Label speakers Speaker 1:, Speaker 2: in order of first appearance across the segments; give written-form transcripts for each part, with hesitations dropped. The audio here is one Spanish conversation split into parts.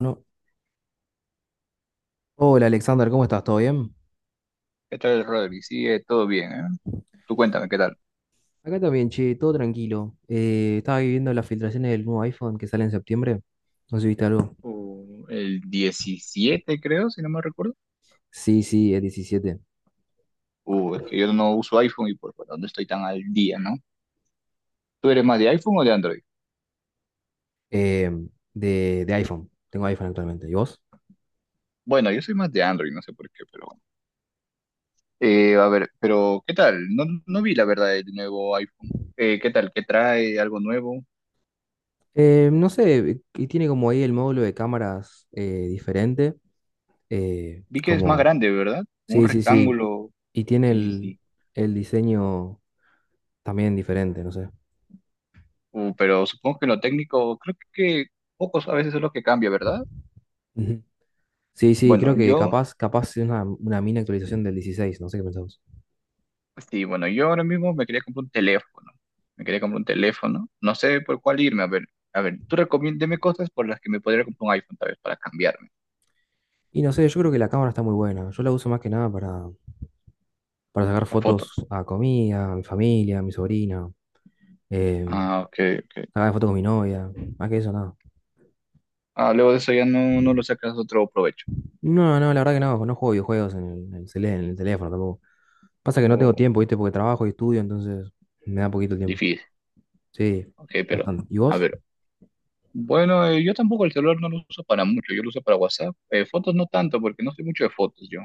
Speaker 1: No. Hola Alexander, ¿cómo estás? ¿Todo bien?
Speaker 2: ¿Qué tal, Rodri? Sigue todo bien, ¿eh? Tú cuéntame, ¿qué tal?
Speaker 1: Acá también, che, todo tranquilo. Estaba viviendo las filtraciones del nuevo iPhone que sale en septiembre. No sé si viste algo.
Speaker 2: El 17, creo, si no me recuerdo.
Speaker 1: Sí, sí, es 17.
Speaker 2: Es que yo no uso iPhone y por lo no estoy tan al día, ¿no? ¿Tú eres más de iPhone o de Android?
Speaker 1: Eh, de iPhone. Tengo iPhone actualmente. ¿Y vos?
Speaker 2: Bueno, yo soy más de Android, no sé por qué, pero bueno. A ver, pero ¿qué tal? No, no vi la verdad el nuevo iPhone. ¿Qué tal? ¿Qué trae? ¿Algo nuevo?
Speaker 1: No sé, y tiene como ahí el módulo de cámaras diferente. eh,
Speaker 2: Vi que es más
Speaker 1: como,
Speaker 2: grande, ¿verdad? Un
Speaker 1: sí, sí, sí.
Speaker 2: rectángulo,
Speaker 1: Y tiene
Speaker 2: sí,
Speaker 1: el,
Speaker 2: sí.
Speaker 1: el diseño también diferente, no sé.
Speaker 2: Pero supongo que en lo técnico, creo que pocos a veces es lo que cambia, ¿verdad?
Speaker 1: Ujú. Sí, sí, creo
Speaker 2: Bueno,
Speaker 1: que
Speaker 2: yo
Speaker 1: capaz es una mini actualización del 16. No sé qué pensás.
Speaker 2: Sí, bueno, yo ahora mismo me quería comprar un teléfono. Me quería comprar un teléfono. No sé por cuál irme. A ver, tú recomiéndeme cosas por las que me podría comprar un iPhone, tal vez, para cambiarme,
Speaker 1: Y no sé, yo creo que la cámara está muy buena. Yo la uso más que nada para sacar
Speaker 2: para fotos.
Speaker 1: fotos a comida, a mi familia, a mi sobrina, eh,
Speaker 2: Ah, ok, ok.
Speaker 1: sacar fotos con mi novia, más que eso, nada.
Speaker 2: Ah, luego de eso ya no, no lo sacas otro provecho.
Speaker 1: No, no, la verdad que no, no juego videojuegos en el teléfono tampoco. Pasa que no tengo
Speaker 2: Oh,
Speaker 1: tiempo, ¿viste? Porque trabajo y estudio, entonces me da poquito tiempo.
Speaker 2: difícil.
Speaker 1: Sí,
Speaker 2: Ok, pero,
Speaker 1: bastante. ¿Y
Speaker 2: a
Speaker 1: vos?
Speaker 2: ver. Bueno, yo tampoco el celular no lo uso para mucho. Yo lo uso para WhatsApp. Fotos no tanto, porque no soy mucho de fotos yo.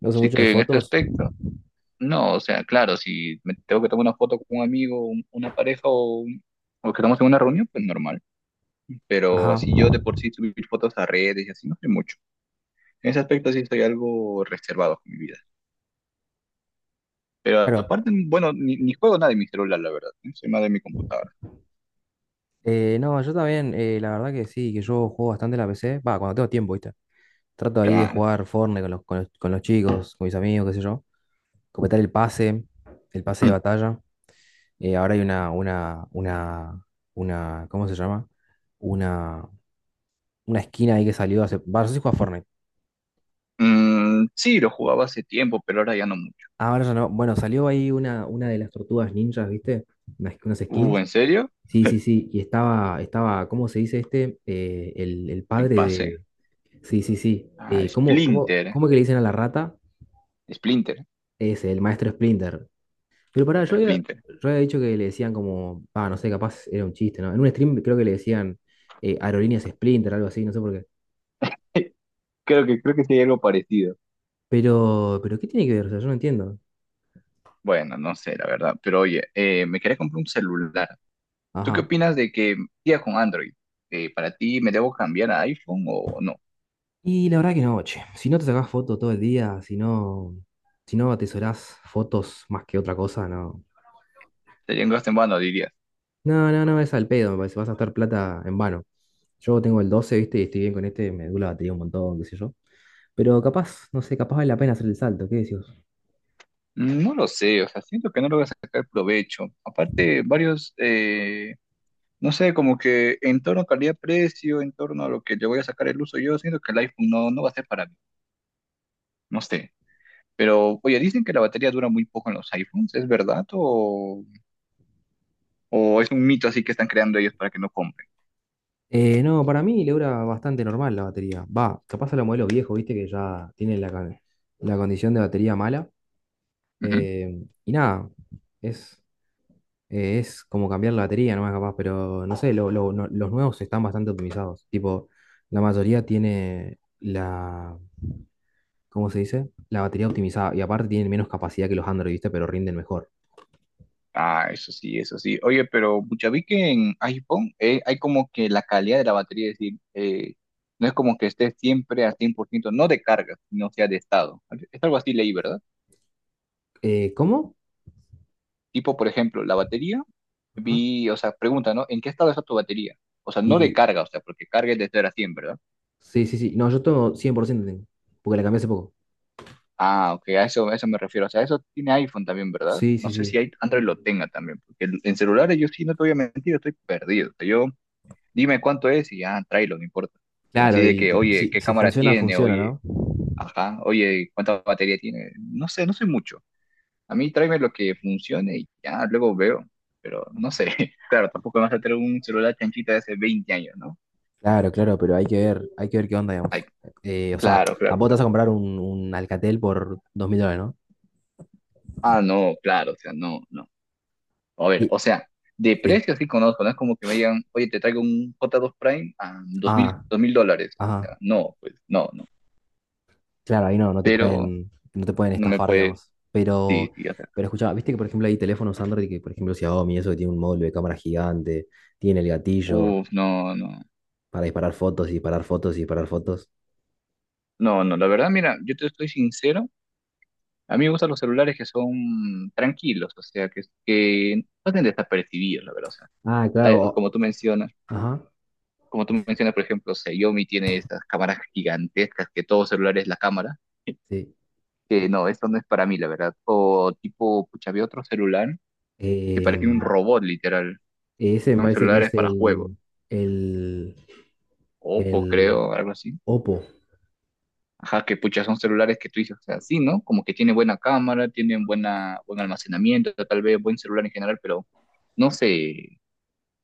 Speaker 1: ¿No sé
Speaker 2: Así
Speaker 1: mucho de
Speaker 2: que en este
Speaker 1: fotos?
Speaker 2: aspecto, no. O sea, claro, si me tengo que tomar una foto con un amigo, una pareja o, o que estamos en una reunión, pues normal. Pero
Speaker 1: Ajá,
Speaker 2: así yo de por sí subir fotos a redes y así no sé mucho. En ese aspecto sí estoy algo reservado con mi vida. Pero
Speaker 1: claro.
Speaker 2: aparte, bueno, ni juego nada de mi celular, la verdad. ¿Eh? Soy más de mi computadora.
Speaker 1: No, yo también, la verdad que sí, que yo juego bastante en la PC. Va, cuando tengo tiempo, ¿viste? Trato ahí de
Speaker 2: Claro.
Speaker 1: jugar Fortnite con los chicos, con mis amigos, qué sé yo. Completar el pase de
Speaker 2: Mm,
Speaker 1: batalla. Ahora hay una, ¿cómo se llama? Una, una esquina ahí que salió hace, va, no sé si juega Fortnite.
Speaker 2: mm, sí, lo jugaba hace tiempo, pero ahora ya no mucho.
Speaker 1: Ah, ahora ya no. Bueno, salió ahí una de las tortugas ninjas, ¿viste? Unas skins.
Speaker 2: ¿En serio?
Speaker 1: Sí, sí, sí. Y estaba, ¿cómo se dice este? El
Speaker 2: En
Speaker 1: padre
Speaker 2: pase.
Speaker 1: de. Sí, sí, sí.
Speaker 2: Ah,
Speaker 1: ¿Cómo, cómo,
Speaker 2: Splinter. ¿Eh?
Speaker 1: cómo que le dicen a la rata?
Speaker 2: Splinter.
Speaker 1: Es el maestro Splinter. Pero pará, yo
Speaker 2: Hasta
Speaker 1: había,
Speaker 2: Splinter.
Speaker 1: yo había dicho que le decían como, ah, no sé, capaz era un chiste, ¿no? En un stream creo que le decían aerolíneas Splinter, algo así, no sé por qué.
Speaker 2: Creo que sí hay algo parecido.
Speaker 1: Pero ¿qué tiene que ver? O sea, yo no entiendo.
Speaker 2: Bueno, no sé, la verdad. Pero oye, me quería comprar un celular. ¿Tú qué
Speaker 1: Ajá.
Speaker 2: opinas de que sigas con Android? ¿Para ti me debo cambiar a iPhone o no?
Speaker 1: Y la verdad que no, che. Si no te sacás fotos todo el día, si no atesorás fotos más que otra cosa, no.
Speaker 2: Sería un gasto en vano, dirías.
Speaker 1: No, no, no, es al pedo, me parece, vas a gastar plata en vano. Yo tengo el 12, ¿viste? Y estoy bien con este, me dura la batería un montón, qué sé yo. Pero capaz, no sé, capaz vale la pena hacer el salto, ¿qué decís?
Speaker 2: No lo sé, o sea, siento que no lo voy a sacar provecho. Aparte, varios, no sé, como que en torno a calidad-precio, en torno a lo que le voy a sacar el uso, yo siento que el iPhone no, no va a ser para mí, no sé. Pero, oye, dicen que la batería dura muy poco en los iPhones, ¿es verdad? ¿O es un mito así que están creando ellos para que no compren?
Speaker 1: No, para mí le dura bastante normal la batería. Va, capaz a los modelos viejos, viste, que ya tienen la la condición de batería mala.
Speaker 2: Ujú.
Speaker 1: Y nada, es, es como cambiar la batería nomás capaz, pero no sé, los nuevos están bastante optimizados. Tipo, la mayoría tiene la, ¿cómo se dice? La batería optimizada. Y aparte tienen menos capacidad que los Android, viste, pero rinden mejor.
Speaker 2: Ah, eso sí, eso sí. Oye, pero pucha, vi que en iPhone hay como que la calidad de la batería, es decir, no es como que esté siempre a 100%, no de carga, sino sea de estado. Es algo así leí, ¿verdad?
Speaker 1: ¿Cómo?
Speaker 2: Tipo, por ejemplo, la batería,
Speaker 1: Ajá.
Speaker 2: vi, o sea, pregunta, ¿no? ¿En qué estado está tu batería? O sea, no de
Speaker 1: Y
Speaker 2: carga, o sea, porque carga es de 0 a 100, ¿verdad?
Speaker 1: sí, sí, sí. No, yo tengo 100% tengo, porque la cambié hace poco.
Speaker 2: Ah, ok, a eso me refiero. O sea, eso tiene iPhone también, ¿verdad?
Speaker 1: Sí,
Speaker 2: No
Speaker 1: sí,
Speaker 2: sé si
Speaker 1: sí.
Speaker 2: Android lo tenga también, porque en celulares yo sí, no te voy a mentir, estoy perdido. O sea, yo dime cuánto es y ya, tráelo, no importa. Pero así
Speaker 1: Claro,
Speaker 2: de
Speaker 1: y
Speaker 2: que, oye,
Speaker 1: si,
Speaker 2: ¿qué
Speaker 1: si
Speaker 2: cámara
Speaker 1: funciona,
Speaker 2: tiene?
Speaker 1: funciona,
Speaker 2: Oye,
Speaker 1: ¿no?
Speaker 2: ajá, oye, ¿cuánta batería tiene? No sé mucho. A mí tráeme lo que funcione y ya, luego veo. Pero no sé,
Speaker 1: Ajá.
Speaker 2: claro, tampoco me vas a traer un celular chanchita de hace 20 años, ¿no?
Speaker 1: Claro, claro, pero hay que ver qué onda, digamos.
Speaker 2: Ay,
Speaker 1: O sea,
Speaker 2: claro, claro.
Speaker 1: tampoco te vas a comprar un Alcatel por $2000, ¿no?
Speaker 2: Ah, no, claro, o sea, no, no. A ver,
Speaker 1: Y-
Speaker 2: o sea, de
Speaker 1: sí.
Speaker 2: precio sí conozco, no es como que me digan, oye, te traigo un J2 Prime a 2.000,
Speaker 1: Ah,
Speaker 2: $2.000. O
Speaker 1: ajá.
Speaker 2: sea, no, pues, no, no.
Speaker 1: Claro, ahí no, no te
Speaker 2: Pero
Speaker 1: pueden, no te pueden
Speaker 2: no me
Speaker 1: estafar,
Speaker 2: puede,
Speaker 1: digamos. Pero,
Speaker 2: sí, sí,
Speaker 1: pero escuchá, viste que por ejemplo hay teléfonos Android que, por ejemplo, Xiaomi, eso que tiene un módulo de cámara gigante, tiene el gatillo
Speaker 2: uf, no, no,
Speaker 1: para disparar fotos y disparar fotos y disparar fotos.
Speaker 2: no, no, la verdad, mira, yo te estoy sincero, a mí me gustan los celulares que son tranquilos, o sea, que pasen desapercibidos, la verdad, o sea,
Speaker 1: Ah, claro.
Speaker 2: hay- como tú mencionas,
Speaker 1: Ajá.
Speaker 2: como tú mencionas, por ejemplo, Xiaomi tiene estas cámaras gigantescas que todo celular es la cámara,
Speaker 1: Sí.
Speaker 2: que no, esto no es para mí, la verdad, o tipo, pucha, había otro celular
Speaker 1: Sí.
Speaker 2: que parecía un robot, literal, que
Speaker 1: Ese me
Speaker 2: son
Speaker 1: parece que
Speaker 2: celulares
Speaker 1: es
Speaker 2: para juegos,
Speaker 1: el,
Speaker 2: Oppo,
Speaker 1: el
Speaker 2: creo, algo así.
Speaker 1: Oppo.
Speaker 2: Ajá, que pucha, son celulares que tú dices, o sea, sí, ¿no? Como que tiene buena cámara, tienen buena, buen almacenamiento, tal vez buen celular en general, pero no sé,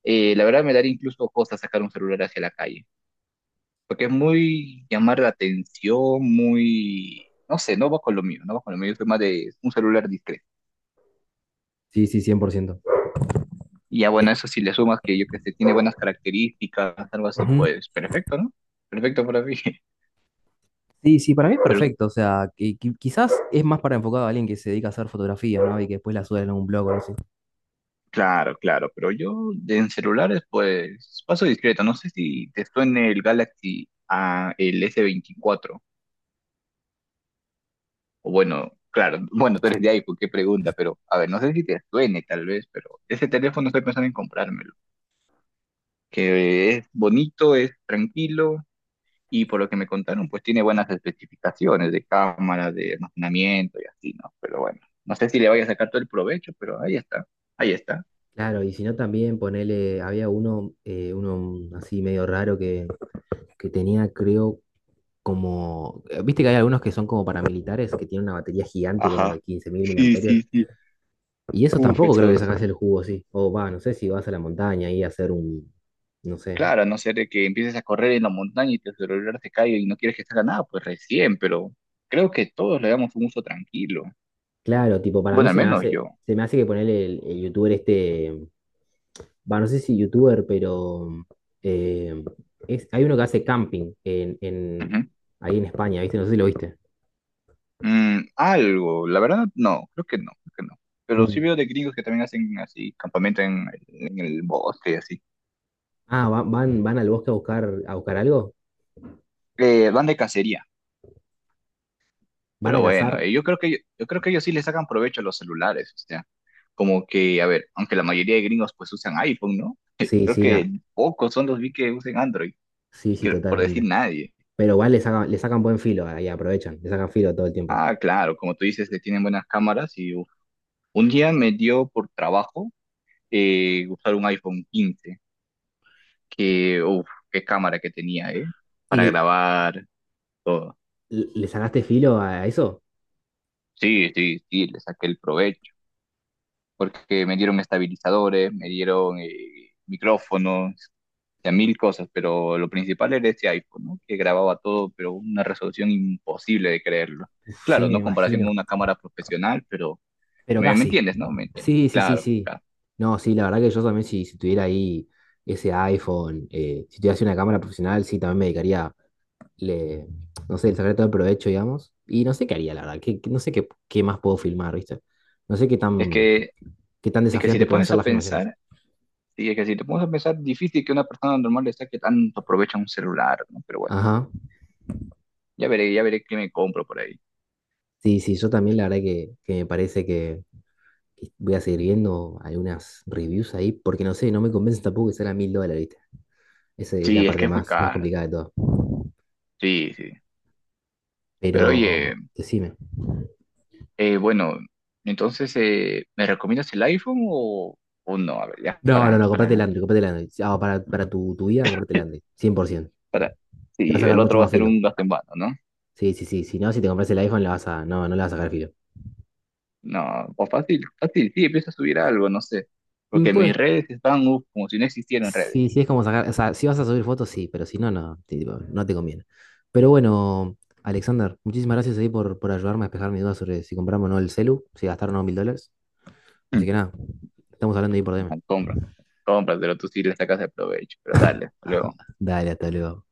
Speaker 2: la verdad me daría incluso cosa sacar un celular hacia la calle, porque es muy llamar la atención, muy, no sé, no va con lo mío, no va con lo mío, yo soy más de un celular discreto.
Speaker 1: Sí, sí, 100%.
Speaker 2: Y ya
Speaker 1: Eh,
Speaker 2: bueno, eso si le sumas que yo que sé, tiene buenas características, algo así,
Speaker 1: Ujú.
Speaker 2: pues perfecto, ¿no? Perfecto para mí.
Speaker 1: Sí, sí, para mí es
Speaker 2: Pero
Speaker 1: perfecto. O sea, que, quizás es más para enfocado a alguien que se dedica a hacer fotografía, ¿no? Y que después la sube en un blog o algo así.
Speaker 2: claro, claro, pero yo en celulares pues paso discreto, no sé si te suene el Galaxy A, el S24. O bueno, claro, bueno, tú eres de iPhone, qué pregunta, pero a ver, no sé si te suene tal vez, pero ese teléfono estoy pensando en comprármelo, que es bonito, es tranquilo, y por lo que me contaron pues tiene buenas especificaciones de cámara, de almacenamiento y así, ¿no? Pero bueno, no sé si le vaya a sacar todo el provecho, pero ahí está, ahí está.
Speaker 1: Claro, y si no también ponele, había uno, uno así medio raro que tenía, creo, como, viste que hay algunos que son como paramilitares, que tienen una batería gigante como de
Speaker 2: Ajá,
Speaker 1: 15.000 mAh.
Speaker 2: sí, sí, sí.
Speaker 1: Y eso
Speaker 2: Uf,
Speaker 1: tampoco creo que le
Speaker 2: esos.
Speaker 1: sacas el jugo, sí. O va, no sé si vas a la montaña y a hacer un, no sé.
Speaker 2: Claro, a no ser de que empieces a correr en la montaña y tu celular se caiga y no quieres que salga nada, pues recién, pero creo que todos le damos un uso tranquilo.
Speaker 1: Claro, tipo, para mí
Speaker 2: Bueno, al menos yo.
Speaker 1: se me hace que ponerle el youtuber este, va, no sé si youtuber, pero eh, hay uno que hace camping
Speaker 2: Ujú.
Speaker 1: ahí en España, ¿viste? No sé si lo viste.
Speaker 2: Algo, la verdad no, creo que no, creo que no. Pero sí
Speaker 1: Un-
Speaker 2: veo de gringos que también hacen así, campamento en el bosque y así.
Speaker 1: van al bosque a buscar algo,
Speaker 2: Van de cacería,
Speaker 1: van
Speaker 2: pero
Speaker 1: a
Speaker 2: bueno,
Speaker 1: cazar.
Speaker 2: yo creo que ellos sí le sacan provecho a los celulares, o sea, como que, a ver, aunque la mayoría de gringos pues usan iPhone, ¿no?
Speaker 1: Sí,
Speaker 2: Creo
Speaker 1: sí,
Speaker 2: que pocos son los vi que usen Android,
Speaker 1: sí,
Speaker 2: y
Speaker 1: sí,
Speaker 2: que por decir
Speaker 1: totalmente.
Speaker 2: nadie.
Speaker 1: Pero igual le sacan buen filo ahí, aprovechan, le sacan filo todo el tiempo.
Speaker 2: Ah, claro, como tú dices, que tienen buenas cámaras y uf, un día me dio por trabajo usar un iPhone 15, que, uff, qué cámara que tenía, ¿eh?
Speaker 1: ¿Y
Speaker 2: Para
Speaker 1: le,
Speaker 2: grabar todo.
Speaker 1: le le sacaste filo a eso?
Speaker 2: Sí, sí, sí, le saqué el provecho, porque me dieron estabilizadores, me dieron micrófonos, o sea, mil cosas, pero lo principal era ese iPhone, ¿no? Que grababa todo, pero una resolución imposible de creerlo.
Speaker 1: Uf, sí,
Speaker 2: Claro,
Speaker 1: me
Speaker 2: no comparación con
Speaker 1: imagino.
Speaker 2: una cámara profesional, pero
Speaker 1: Pero
Speaker 2: me
Speaker 1: casi.
Speaker 2: entiendes, ¿no? Me entiendes.
Speaker 1: Sí, sí, sí,
Speaker 2: Claro,
Speaker 1: sí.
Speaker 2: claro.
Speaker 1: No, sí, la verdad que yo también si tuviera ahí ese iPhone, si tuviese una cámara profesional, sí, también me dedicaría, le, no sé, el secreto de provecho, digamos. Y no sé qué haría, la verdad. No sé qué más puedo filmar, ¿viste? No sé qué
Speaker 2: Es
Speaker 1: tan,
Speaker 2: que
Speaker 1: qué tan
Speaker 2: Es que si
Speaker 1: desafiante
Speaker 2: te
Speaker 1: pueden
Speaker 2: pones
Speaker 1: ser
Speaker 2: a
Speaker 1: las filmaciones.
Speaker 2: pensar, sí, es que si te pones a pensar, difícil que una persona normal le saque tanto provecho a un celular, ¿no? Pero bueno,
Speaker 1: Ajá.
Speaker 2: ya veré qué me compro por ahí.
Speaker 1: Sí, sí, yo también la verdad que me parece que voy a seguir viendo algunas reviews ahí, porque no sé, no me convence tampoco que sean a $1000, ¿viste? Esa es la
Speaker 2: Sí, es
Speaker 1: parte
Speaker 2: que es muy
Speaker 1: más
Speaker 2: caro.
Speaker 1: complicada de todo.
Speaker 2: Sí, sí. Pero oye,
Speaker 1: Pero decime.
Speaker 2: bueno, entonces, ¿me recomiendas el iPhone o no? A ver, ya,
Speaker 1: No, no, no, comprate el
Speaker 2: para,
Speaker 1: Android, comprate el Android. Ah, para tu vida, comprate el Android. 100%.
Speaker 2: para.
Speaker 1: Le vas
Speaker 2: Sí,
Speaker 1: a
Speaker 2: el
Speaker 1: sacar mucho
Speaker 2: otro va a
Speaker 1: más
Speaker 2: ser
Speaker 1: filo.
Speaker 2: un gasto en vano, ¿no?
Speaker 1: Sí, sí, sí. Si no, si te compras el iPhone, le vas a. No, no le vas a sacar filo.
Speaker 2: No, o fácil, fácil, sí, empieza a subir algo, no sé. Porque mis
Speaker 1: Pues,
Speaker 2: redes están, uf, como si no existieran redes.
Speaker 1: sí, sí, es como sacar. O sea, si vas a subir fotos, sí, pero si no, no, tipo, no te conviene. Pero bueno, Alexander, muchísimas gracias ahí por ayudarme a despejar mis dudas sobre si compramos o no el celu, si gastaron o no $1000. Así que nada, estamos hablando ahí por DM.
Speaker 2: Ah, compra, cómpraselo, tú sí le sacas el provecho, pero dale, hasta luego.
Speaker 1: Dale, hasta luego.